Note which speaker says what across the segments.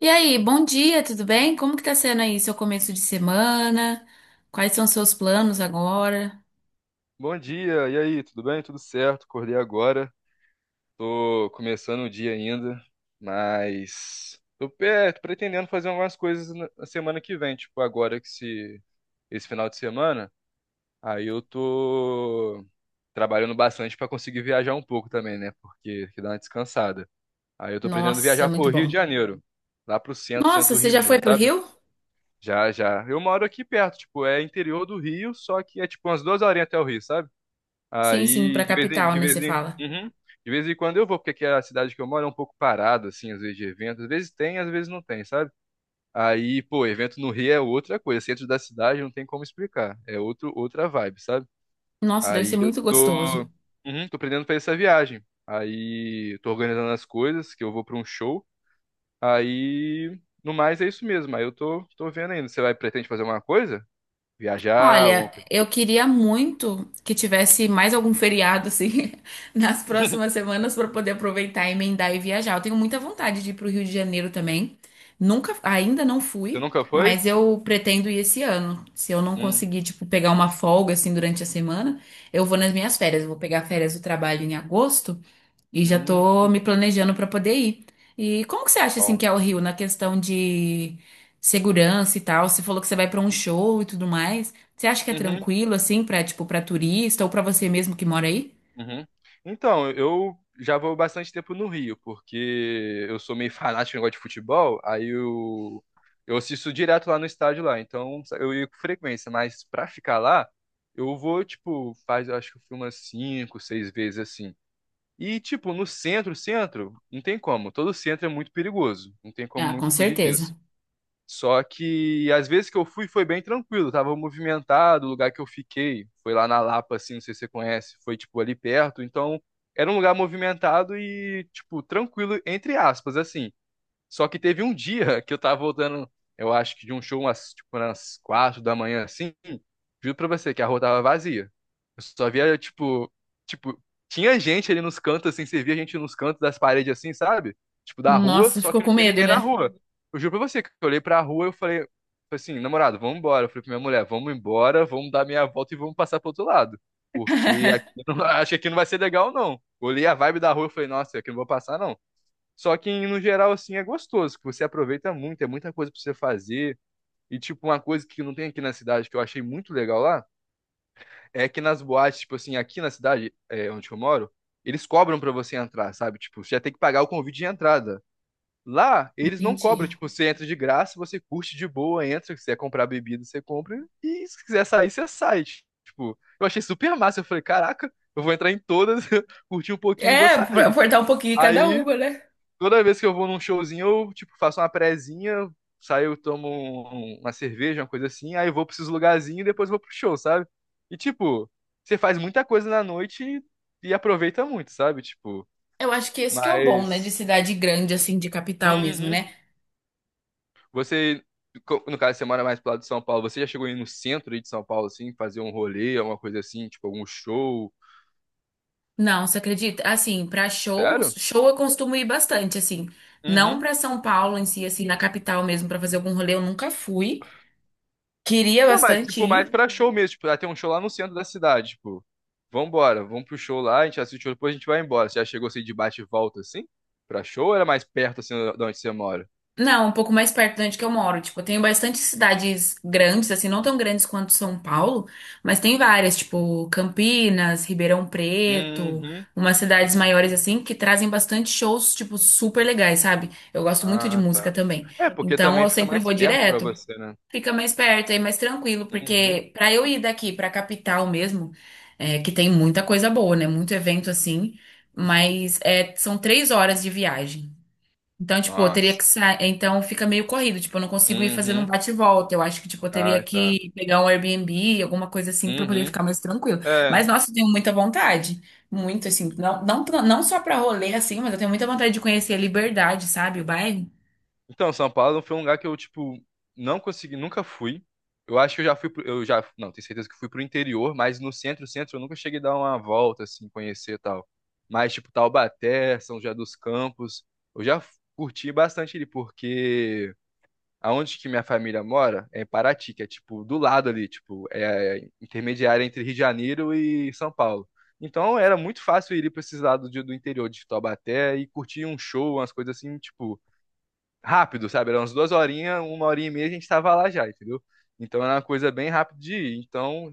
Speaker 1: E aí, bom dia, tudo bem? Como que tá sendo aí seu começo de semana? Quais são seus planos agora?
Speaker 2: Bom dia, e aí, tudo bem? Tudo certo? Acordei agora, tô começando o dia ainda, mas tô pretendendo fazer algumas coisas na semana que vem, tipo agora que se esse final de semana, aí eu tô trabalhando bastante pra conseguir viajar um pouco também, né? Porque que dá uma descansada. Aí eu tô pretendendo
Speaker 1: Nossa, é
Speaker 2: viajar pro
Speaker 1: muito
Speaker 2: Rio
Speaker 1: bom.
Speaker 2: de Janeiro, lá pro centro,
Speaker 1: Nossa,
Speaker 2: centro do
Speaker 1: você
Speaker 2: Rio
Speaker 1: já
Speaker 2: mesmo,
Speaker 1: foi pro
Speaker 2: sabe?
Speaker 1: Rio?
Speaker 2: Já, já. Eu moro aqui perto, tipo, é interior do Rio, só que é tipo umas 2 horinhas até o Rio, sabe?
Speaker 1: Sim, sim,
Speaker 2: Aí,
Speaker 1: pra capital, né, você fala.
Speaker 2: uhum. De vez em quando eu vou, porque aqui é a cidade que eu moro é um pouco parada, assim, às vezes de evento. Às vezes tem, às vezes não tem, sabe? Aí, pô, evento no Rio é outra coisa. Centro da cidade não tem como explicar. É outra vibe, sabe?
Speaker 1: Nossa, deve
Speaker 2: Aí
Speaker 1: ser
Speaker 2: eu
Speaker 1: muito
Speaker 2: tô,
Speaker 1: gostoso.
Speaker 2: uhum, tô aprendendo pra essa viagem. Aí eu tô organizando as coisas, que eu vou pra um show. Aí, no mais, é isso mesmo. Aí eu tô, vendo ainda. Você vai, pretende fazer alguma coisa? Viajar, alguma
Speaker 1: Olha,
Speaker 2: coisa?
Speaker 1: eu queria muito que tivesse mais algum feriado assim nas próximas semanas para poder aproveitar, emendar e viajar. Eu tenho muita vontade de ir para o Rio de Janeiro também. Nunca, ainda não
Speaker 2: Você
Speaker 1: fui,
Speaker 2: nunca foi?
Speaker 1: mas eu pretendo ir esse ano. Se eu não
Speaker 2: Hum,
Speaker 1: conseguir, pegar uma folga assim durante a semana, eu vou nas minhas férias. Eu vou pegar férias do trabalho em agosto. E já tô
Speaker 2: hum,
Speaker 1: me planejando para poder ir. E como que você acha assim
Speaker 2: bom.
Speaker 1: que é o Rio na questão de segurança e tal? Você falou que você vai para um show e tudo mais. Você acha que é
Speaker 2: Uhum,
Speaker 1: tranquilo assim para tipo para turista ou para você mesmo que mora aí?
Speaker 2: uhum. Então, eu já vou bastante tempo no Rio, porque eu sou meio fanático no negócio de futebol, eu assisto direto lá no estádio lá, então eu ia com frequência, mas pra ficar lá, eu vou, tipo, faz, eu acho que eu fui umas 5, 6 vezes assim. E, tipo, no centro, centro, não tem como, todo centro é muito perigoso, não tem como
Speaker 1: Ah, com
Speaker 2: muito fugir
Speaker 1: certeza.
Speaker 2: disso. Só que às vezes que eu fui foi bem tranquilo, tava movimentado, o lugar que eu fiquei foi lá na Lapa, assim, não sei se você conhece, foi tipo ali perto, então era um lugar movimentado e tipo tranquilo entre aspas, assim. Só que teve um dia que eu tava voltando, eu acho que de um show tipo, umas 4 da manhã, assim. Juro pra você que a rua tava vazia. Eu só via, tipo, tinha gente ali nos cantos, assim, você via gente nos cantos das paredes, assim, sabe? Tipo, da rua,
Speaker 1: Nossa,
Speaker 2: só
Speaker 1: ficou
Speaker 2: que não
Speaker 1: com
Speaker 2: tinha
Speaker 1: medo,
Speaker 2: ninguém na
Speaker 1: né?
Speaker 2: rua. Eu juro pra você que eu olhei pra rua e eu falei assim, namorado, vamos embora. Eu falei pra minha mulher, vamos embora, vamos dar meia volta e vamos passar pro outro lado. Porque aqui, acho que aqui não vai ser legal, não. Olhei a vibe da rua e falei, nossa, aqui não vou passar, não. Só que no geral, assim, é gostoso, que você aproveita muito, é muita coisa pra você fazer. E, tipo, uma coisa que não tem aqui na cidade, que eu achei muito legal lá, é que nas boates, tipo assim, aqui na cidade, é, onde eu moro, eles cobram pra você entrar, sabe? Tipo, você já tem que pagar o convite de entrada. Lá, eles não
Speaker 1: Entendi.
Speaker 2: cobram, tipo, você entra de graça, você curte de boa, entra, se quiser comprar bebida, você compra, e se quiser sair, você sai. Tipo, eu achei super massa, eu falei, caraca, eu vou entrar em todas, curtir um pouquinho e vou
Speaker 1: É, pra
Speaker 2: sair.
Speaker 1: aportar um pouquinho cada
Speaker 2: Aí,
Speaker 1: uma, né?
Speaker 2: toda vez que eu vou num showzinho, eu, tipo, faço uma prezinha, saio, tomo uma cerveja, uma coisa assim, aí eu vou pra esses lugarzinhos e depois vou pro show, sabe? E, tipo, você faz muita coisa na noite e aproveita muito, sabe? Tipo,
Speaker 1: Eu acho que esse que é o bom, né, de
Speaker 2: mas...
Speaker 1: cidade grande assim, de capital mesmo,
Speaker 2: Uhum.
Speaker 1: né?
Speaker 2: Você, no caso, você mora mais pro lado de São Paulo, você já chegou aí no centro aí de São Paulo, assim, fazer um rolê, alguma coisa assim, tipo, algum show?
Speaker 1: Não, você acredita? Assim, para shows,
Speaker 2: Sério?
Speaker 1: show eu costumo ir bastante, assim. Não
Speaker 2: Uhum.
Speaker 1: para São Paulo em si, assim, na capital mesmo, para fazer algum rolê, eu nunca fui. Queria
Speaker 2: Não, mas
Speaker 1: bastante
Speaker 2: tipo, mais
Speaker 1: ir.
Speaker 2: pra show mesmo. Tipo, ah, tem um show lá no centro da cidade, tipo. Vambora, vamos pro show lá, a gente assiste o show, depois a gente vai embora. Você já chegou assim de bate e volta assim? Pra show ou era mais perto assim de onde você mora?
Speaker 1: Não, um pouco mais perto de onde que eu moro. Tipo, eu tenho bastante cidades grandes, assim, não tão grandes quanto São Paulo, mas tem várias, tipo Campinas, Ribeirão Preto,
Speaker 2: Uhum.
Speaker 1: umas cidades maiores, assim, que trazem bastante shows, tipo, super legais, sabe? Eu gosto muito de
Speaker 2: Ah,
Speaker 1: música
Speaker 2: tá.
Speaker 1: também.
Speaker 2: É, porque
Speaker 1: Então,
Speaker 2: também
Speaker 1: eu
Speaker 2: fica
Speaker 1: sempre
Speaker 2: mais
Speaker 1: vou
Speaker 2: perto pra
Speaker 1: direto.
Speaker 2: você, né?
Speaker 1: Fica mais perto e mais tranquilo,
Speaker 2: Uhum.
Speaker 1: porque pra eu ir daqui pra capital mesmo, é, que tem muita coisa boa, né? Muito evento assim, mas é, são 3 horas de viagem. Então, tipo, eu teria que
Speaker 2: Nossa.
Speaker 1: sair. Então fica meio corrido, tipo, eu não consigo ir fazendo um
Speaker 2: Uhum.
Speaker 1: bate e volta. Eu acho que, tipo, eu teria
Speaker 2: Ah, tá.
Speaker 1: que pegar um Airbnb, alguma coisa assim, pra poder
Speaker 2: Uhum.
Speaker 1: ficar mais tranquilo.
Speaker 2: É,
Speaker 1: Mas, nossa, eu tenho muita vontade. Muito, assim, não só pra rolê, assim, mas eu tenho muita vontade de conhecer a Liberdade, sabe? O bairro.
Speaker 2: então, São Paulo foi um lugar que eu, tipo, não consegui, nunca fui. Eu acho que eu já fui pro, eu já, não, tenho certeza que fui pro interior, mas no centro, centro eu nunca cheguei a dar uma volta assim, conhecer e tal. Mas tipo Taubaté, São José dos Campos, eu curti bastante ali porque aonde que minha família mora é em Paraty, que é tipo do lado ali, tipo, é intermediária entre Rio de Janeiro e São Paulo. Então era muito fácil ir para esses lados do interior de Taubaté e curtir um show, umas coisas assim, tipo, rápido, sabe? Era umas 2 horinhas, 1 horinha e meia a gente tava lá já, entendeu? Então era uma coisa bem rápida de ir. Então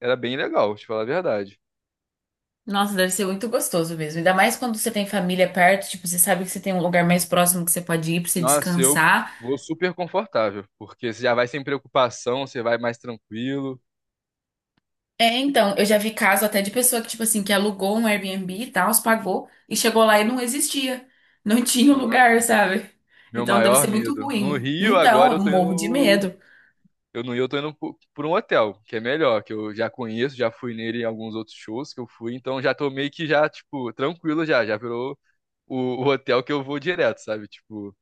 Speaker 2: era bem legal, te falar a verdade.
Speaker 1: Nossa, deve ser muito gostoso mesmo. Ainda mais quando você tem família perto, tipo, você sabe que você tem um lugar mais próximo que você pode ir pra você
Speaker 2: Nossa, eu
Speaker 1: descansar.
Speaker 2: vou super confortável, porque você já vai sem preocupação, você vai mais tranquilo.
Speaker 1: É, então, eu já vi caso até de pessoa que, tipo assim, que alugou um Airbnb e tal, os pagou e chegou lá e não existia. Não tinha o
Speaker 2: Ah,
Speaker 1: lugar, sabe?
Speaker 2: meu
Speaker 1: Então deve ser
Speaker 2: maior
Speaker 1: muito
Speaker 2: medo. No
Speaker 1: ruim.
Speaker 2: Rio,
Speaker 1: Então,
Speaker 2: agora
Speaker 1: eu
Speaker 2: eu tô
Speaker 1: morro de
Speaker 2: indo.
Speaker 1: medo.
Speaker 2: Eu no Rio, eu tô indo por um hotel, que é melhor, que eu já conheço, já fui nele em alguns outros shows que eu fui, então já tô meio que já, tipo, tranquilo já, já virou o, o hotel que eu vou direto, sabe? Tipo,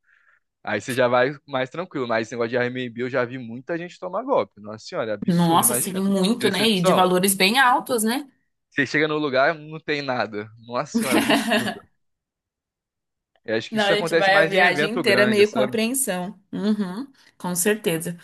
Speaker 2: aí você já vai mais tranquilo. Mas esse negócio de Airbnb eu já vi muita gente tomar golpe. Nossa senhora, é absurdo,
Speaker 1: Nossa, assim,
Speaker 2: imagina. Que
Speaker 1: muito, né? E de
Speaker 2: decepção.
Speaker 1: valores bem altos, né?
Speaker 2: Você chega no lugar, não tem nada. Nossa senhora, absurdo. Eu acho que
Speaker 1: Não,
Speaker 2: isso
Speaker 1: a gente
Speaker 2: acontece
Speaker 1: vai a
Speaker 2: mais em
Speaker 1: viagem
Speaker 2: evento
Speaker 1: inteira
Speaker 2: grande,
Speaker 1: meio com
Speaker 2: sabe?
Speaker 1: apreensão. Uhum, com certeza.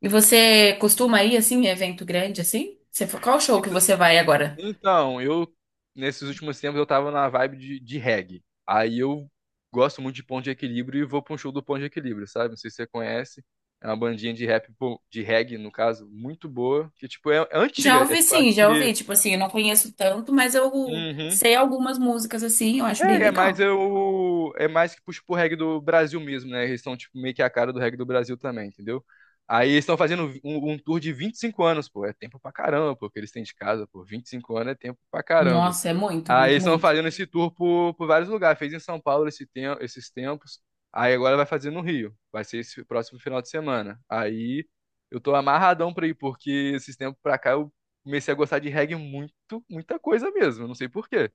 Speaker 1: E você costuma ir assim, em evento grande assim? Você, qual show
Speaker 2: Ent-
Speaker 1: que você vai agora?
Speaker 2: Então, nesses últimos tempos, eu tava na vibe de reggae. Aí eu gosto muito de Ponto de Equilíbrio e vou pra um show do Ponto de Equilíbrio, sabe? Não sei se você conhece. É uma bandinha de rap, pô, de reggae, no caso, muito boa. Que, tipo, é, é
Speaker 1: Já
Speaker 2: antiga. É,
Speaker 1: ouvi
Speaker 2: tipo, acho
Speaker 1: sim, já ouvi.
Speaker 2: que...
Speaker 1: Tipo assim, eu não conheço tanto, mas eu
Speaker 2: Uhum.
Speaker 1: sei algumas músicas assim, eu acho bem
Speaker 2: É, é mais
Speaker 1: legal.
Speaker 2: eu. É mais que puxa pro reggae do Brasil mesmo, né? Eles são, tipo, meio que a cara do reggae do Brasil também, entendeu? Aí eles estão fazendo um tour de 25 anos, pô. É tempo pra caramba, pô, que eles têm de casa, pô. 25 anos é tempo pra caramba.
Speaker 1: Nossa, é muito,
Speaker 2: Aí
Speaker 1: muito,
Speaker 2: eles estão
Speaker 1: muito.
Speaker 2: fazendo esse tour por vários lugares. Fez em São Paulo esses tempos. Aí agora vai fazer no Rio. Vai ser esse próximo final de semana. Aí eu tô amarradão pra ir, porque esses tempos pra cá eu comecei a gostar de reggae muito, muita coisa mesmo. Eu não sei por quê.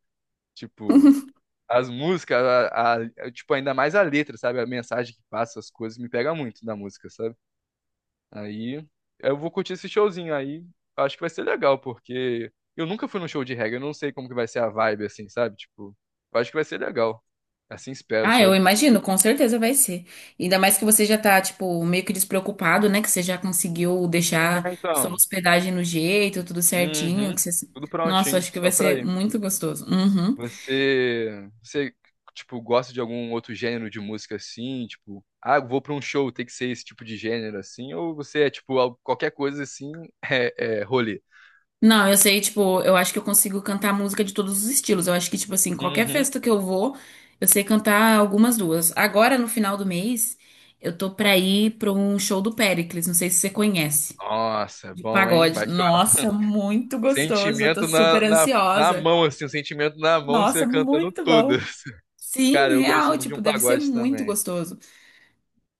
Speaker 2: Tipo. As músicas, tipo, ainda mais a letra, sabe? A mensagem que passa, as coisas, me pega muito da música, sabe? Aí eu vou curtir esse showzinho aí. Acho que vai ser legal, porque eu nunca fui num show de reggae, eu não sei como que vai ser a vibe, assim, sabe? Tipo, eu acho que vai ser legal. Assim espero,
Speaker 1: Ah, eu
Speaker 2: sabe?
Speaker 1: imagino, com certeza vai ser. Ainda mais que você já tá, tipo, meio que despreocupado, né? Que você já conseguiu deixar
Speaker 2: É,
Speaker 1: sua
Speaker 2: então.
Speaker 1: hospedagem no jeito, tudo certinho. Que
Speaker 2: Uhum.
Speaker 1: você...
Speaker 2: Tudo
Speaker 1: Nossa,
Speaker 2: prontinho,
Speaker 1: acho que vai
Speaker 2: só pra
Speaker 1: ser
Speaker 2: ir.
Speaker 1: muito gostoso. Uhum.
Speaker 2: Você, você, tipo, gosta de algum outro gênero de música assim? Tipo, ah, eu vou pra um show, tem que ser esse tipo de gênero assim? Ou você é, tipo, qualquer coisa assim, é, é rolê?
Speaker 1: Não, eu sei, tipo, eu acho que eu consigo cantar música de todos os estilos. Eu acho que, tipo assim, qualquer
Speaker 2: Uhum.
Speaker 1: festa que eu vou, eu sei cantar algumas duas. Agora, no final do mês, eu tô pra ir pra um show do Péricles, não sei se você conhece,
Speaker 2: Nossa,
Speaker 1: de
Speaker 2: bom, hein?
Speaker 1: pagode.
Speaker 2: Vai chorar.
Speaker 1: Nossa, muito gostoso, eu tô
Speaker 2: Sentimento
Speaker 1: super
Speaker 2: na
Speaker 1: ansiosa.
Speaker 2: mão, assim, o sentimento na mão, você
Speaker 1: Nossa,
Speaker 2: cantando
Speaker 1: muito
Speaker 2: todas.
Speaker 1: bom. Sim,
Speaker 2: Cara, eu gosto
Speaker 1: real,
Speaker 2: muito de
Speaker 1: tipo,
Speaker 2: um
Speaker 1: deve ser
Speaker 2: pagode
Speaker 1: muito
Speaker 2: também.
Speaker 1: gostoso.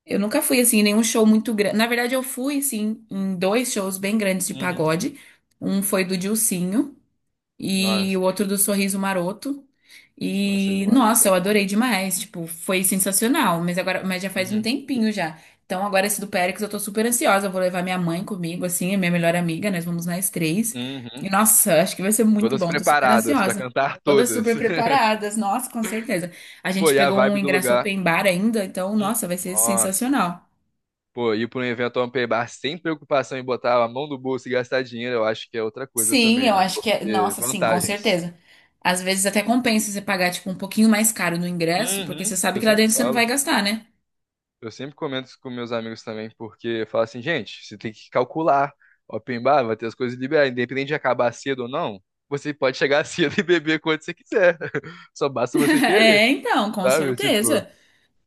Speaker 1: Eu nunca fui, assim, em nenhum show muito grande. Na verdade, eu fui, assim, em dois shows bem grandes de
Speaker 2: Uhum.
Speaker 1: pagode. Um foi do Dilsinho e
Speaker 2: Nossa,
Speaker 1: o outro do Sorriso Maroto.
Speaker 2: nossa, Sorriso
Speaker 1: E,
Speaker 2: Maroto
Speaker 1: nossa, eu
Speaker 2: é bom.
Speaker 1: adorei demais, tipo, foi sensacional, mas já faz um
Speaker 2: Uhum.
Speaker 1: tempinho já. Então, agora esse do Péricles, eu tô super ansiosa, eu vou levar minha mãe comigo, assim, a minha melhor amiga, nós vamos nós três. E,
Speaker 2: Uhum.
Speaker 1: nossa, acho que vai ser muito
Speaker 2: Todas
Speaker 1: bom, tô super
Speaker 2: preparadas pra
Speaker 1: ansiosa.
Speaker 2: cantar
Speaker 1: Todas
Speaker 2: todas.
Speaker 1: super preparadas, nossa, com certeza. A
Speaker 2: Pô,
Speaker 1: gente
Speaker 2: e a
Speaker 1: pegou um
Speaker 2: vibe do
Speaker 1: ingresso
Speaker 2: lugar?
Speaker 1: open bar ainda, então,
Speaker 2: Hum.
Speaker 1: nossa, vai ser
Speaker 2: Nossa.
Speaker 1: sensacional.
Speaker 2: Pô, ir para um evento open bar sem preocupação em botar a mão no bolso e gastar dinheiro, eu acho que é outra coisa
Speaker 1: Sim,
Speaker 2: também,
Speaker 1: eu
Speaker 2: né?
Speaker 1: acho que é.
Speaker 2: Porque
Speaker 1: Nossa, sim, com
Speaker 2: vantagens.
Speaker 1: certeza. Às vezes até compensa você pagar, tipo, um pouquinho mais caro no ingresso, porque você
Speaker 2: Uhum.
Speaker 1: sabe
Speaker 2: Eu
Speaker 1: que lá
Speaker 2: sempre
Speaker 1: dentro você não vai
Speaker 2: falo,
Speaker 1: gastar, né?
Speaker 2: eu sempre comento isso com meus amigos também, porque eu falo assim, gente, você tem que calcular. Open bar vai ter as coisas liberadas, independente de acabar cedo ou não, você pode chegar cedo e beber quanto você quiser. Só basta você querer,
Speaker 1: É, então, com
Speaker 2: sabe? Tipo,
Speaker 1: certeza.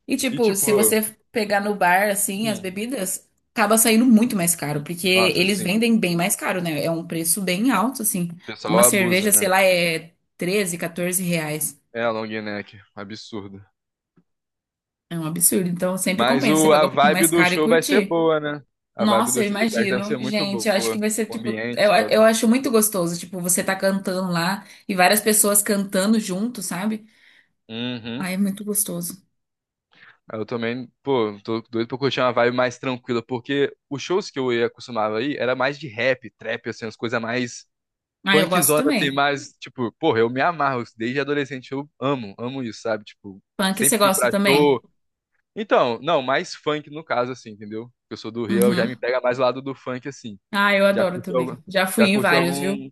Speaker 1: E,
Speaker 2: e
Speaker 1: tipo, se
Speaker 2: tipo,
Speaker 1: você pegar no bar, assim, as
Speaker 2: hum.
Speaker 1: bebidas, acaba saindo muito mais caro, porque
Speaker 2: Nossa,
Speaker 1: eles
Speaker 2: assim, o
Speaker 1: vendem bem mais caro, né? É um preço bem alto, assim.
Speaker 2: pessoal
Speaker 1: Uma
Speaker 2: abusa,
Speaker 1: cerveja, sei
Speaker 2: né?
Speaker 1: lá, é 13 14 reais.
Speaker 2: É a long neck, absurdo.
Speaker 1: É um absurdo. Então, sempre
Speaker 2: Mas
Speaker 1: compensa você
Speaker 2: a
Speaker 1: pagar um pouquinho
Speaker 2: vibe
Speaker 1: mais
Speaker 2: do
Speaker 1: caro e
Speaker 2: show vai ser
Speaker 1: curtir.
Speaker 2: boa, né? A vibe
Speaker 1: Nossa,
Speaker 2: do
Speaker 1: eu
Speaker 2: show do Crack deve
Speaker 1: imagino.
Speaker 2: ser muito
Speaker 1: Gente, eu acho que
Speaker 2: boa.
Speaker 1: vai ser
Speaker 2: O
Speaker 1: tipo.
Speaker 2: ambiente
Speaker 1: Eu
Speaker 2: todo.
Speaker 1: acho muito gostoso. Tipo, você tá cantando lá e várias pessoas cantando junto, sabe?
Speaker 2: Uhum.
Speaker 1: Ai, é muito gostoso.
Speaker 2: Eu também, pô, tô doido pra curtir uma vibe mais tranquila, porque os shows que eu ia acostumava aí era mais de rap, trap, assim, as coisas mais
Speaker 1: Ah, eu gosto
Speaker 2: punkzona, assim,
Speaker 1: também.
Speaker 2: mais, tipo, porra, eu me amarro, desde adolescente eu amo, amo isso, sabe? Tipo,
Speaker 1: Punk, você
Speaker 2: sempre fui
Speaker 1: gosta
Speaker 2: pra
Speaker 1: também?
Speaker 2: show. Então, não, mais funk no caso, assim, entendeu? Eu sou do Rio, eu já
Speaker 1: Uhum.
Speaker 2: me pega mais o lado do funk, assim.
Speaker 1: Ah, eu
Speaker 2: Já
Speaker 1: adoro
Speaker 2: curti
Speaker 1: também.
Speaker 2: algum,
Speaker 1: Já fui
Speaker 2: já
Speaker 1: em
Speaker 2: curti
Speaker 1: vários, viu?
Speaker 2: algum.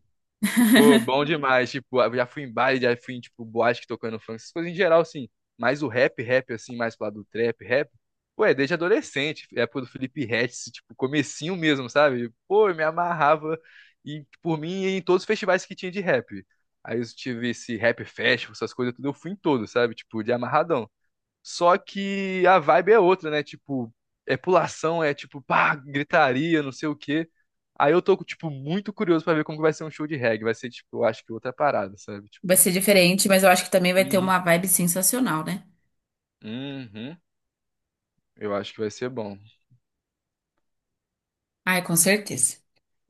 Speaker 2: Pô, bom demais. Tipo, eu já fui em baile, já fui em, tipo, boate que tocando funk, essas coisas em geral, assim. Mas o rap, rap, assim, mais pro lado do trap, rap, pô, é desde adolescente. É época do Felipe Ret, tipo, comecinho mesmo, sabe? Pô, eu me amarrava e, por mim em todos os festivais que tinha de rap. Aí eu tive esse rap festival, essas coisas tudo, eu fui em todos, sabe? Tipo, de amarradão. Só que a vibe é outra, né? Tipo, é pulação, é tipo, pá, gritaria, não sei o quê. Aí eu tô, tipo, muito curioso pra ver como que vai ser um show de reggae. Vai ser, tipo, eu acho que outra parada, sabe?
Speaker 1: Vai
Speaker 2: Tipo,
Speaker 1: ser diferente, mas eu acho que também vai ter
Speaker 2: uhum,
Speaker 1: uma vibe sensacional, né?
Speaker 2: uhum. Eu acho que vai ser bom.
Speaker 1: Ai, com certeza.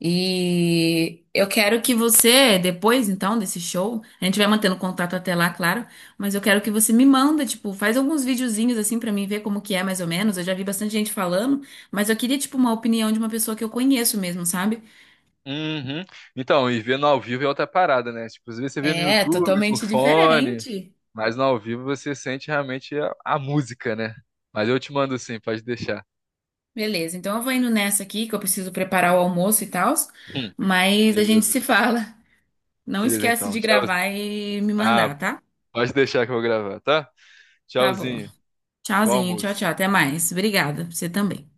Speaker 1: E eu quero que você, depois então desse show, a gente vai mantendo contato até lá, claro, mas eu quero que você me manda, tipo, faz alguns videozinhos assim pra mim ver como que é mais ou menos. Eu já vi bastante gente falando, mas eu queria tipo uma opinião de uma pessoa que eu conheço mesmo, sabe?
Speaker 2: Uhum. Então, e vendo ao vivo é outra parada, né? Tipo, às vezes você vê no
Speaker 1: É,
Speaker 2: YouTube, no
Speaker 1: totalmente
Speaker 2: fone,
Speaker 1: diferente.
Speaker 2: mas no ao vivo você sente realmente a música, né? Mas eu te mando sim, pode deixar.
Speaker 1: Beleza, então eu vou indo nessa aqui, que eu preciso preparar o almoço e tal,
Speaker 2: Hum,
Speaker 1: mas a gente
Speaker 2: beleza.
Speaker 1: se fala. Não
Speaker 2: Beleza,
Speaker 1: esquece
Speaker 2: então.
Speaker 1: de
Speaker 2: Tchau.
Speaker 1: gravar e me
Speaker 2: Ah,
Speaker 1: mandar, tá?
Speaker 2: pode deixar que eu vou gravar, tá?
Speaker 1: Tá bom.
Speaker 2: Tchauzinho. Bom
Speaker 1: Tchauzinho, tchau, tchau.
Speaker 2: almoço.
Speaker 1: Até mais. Obrigada. Você também.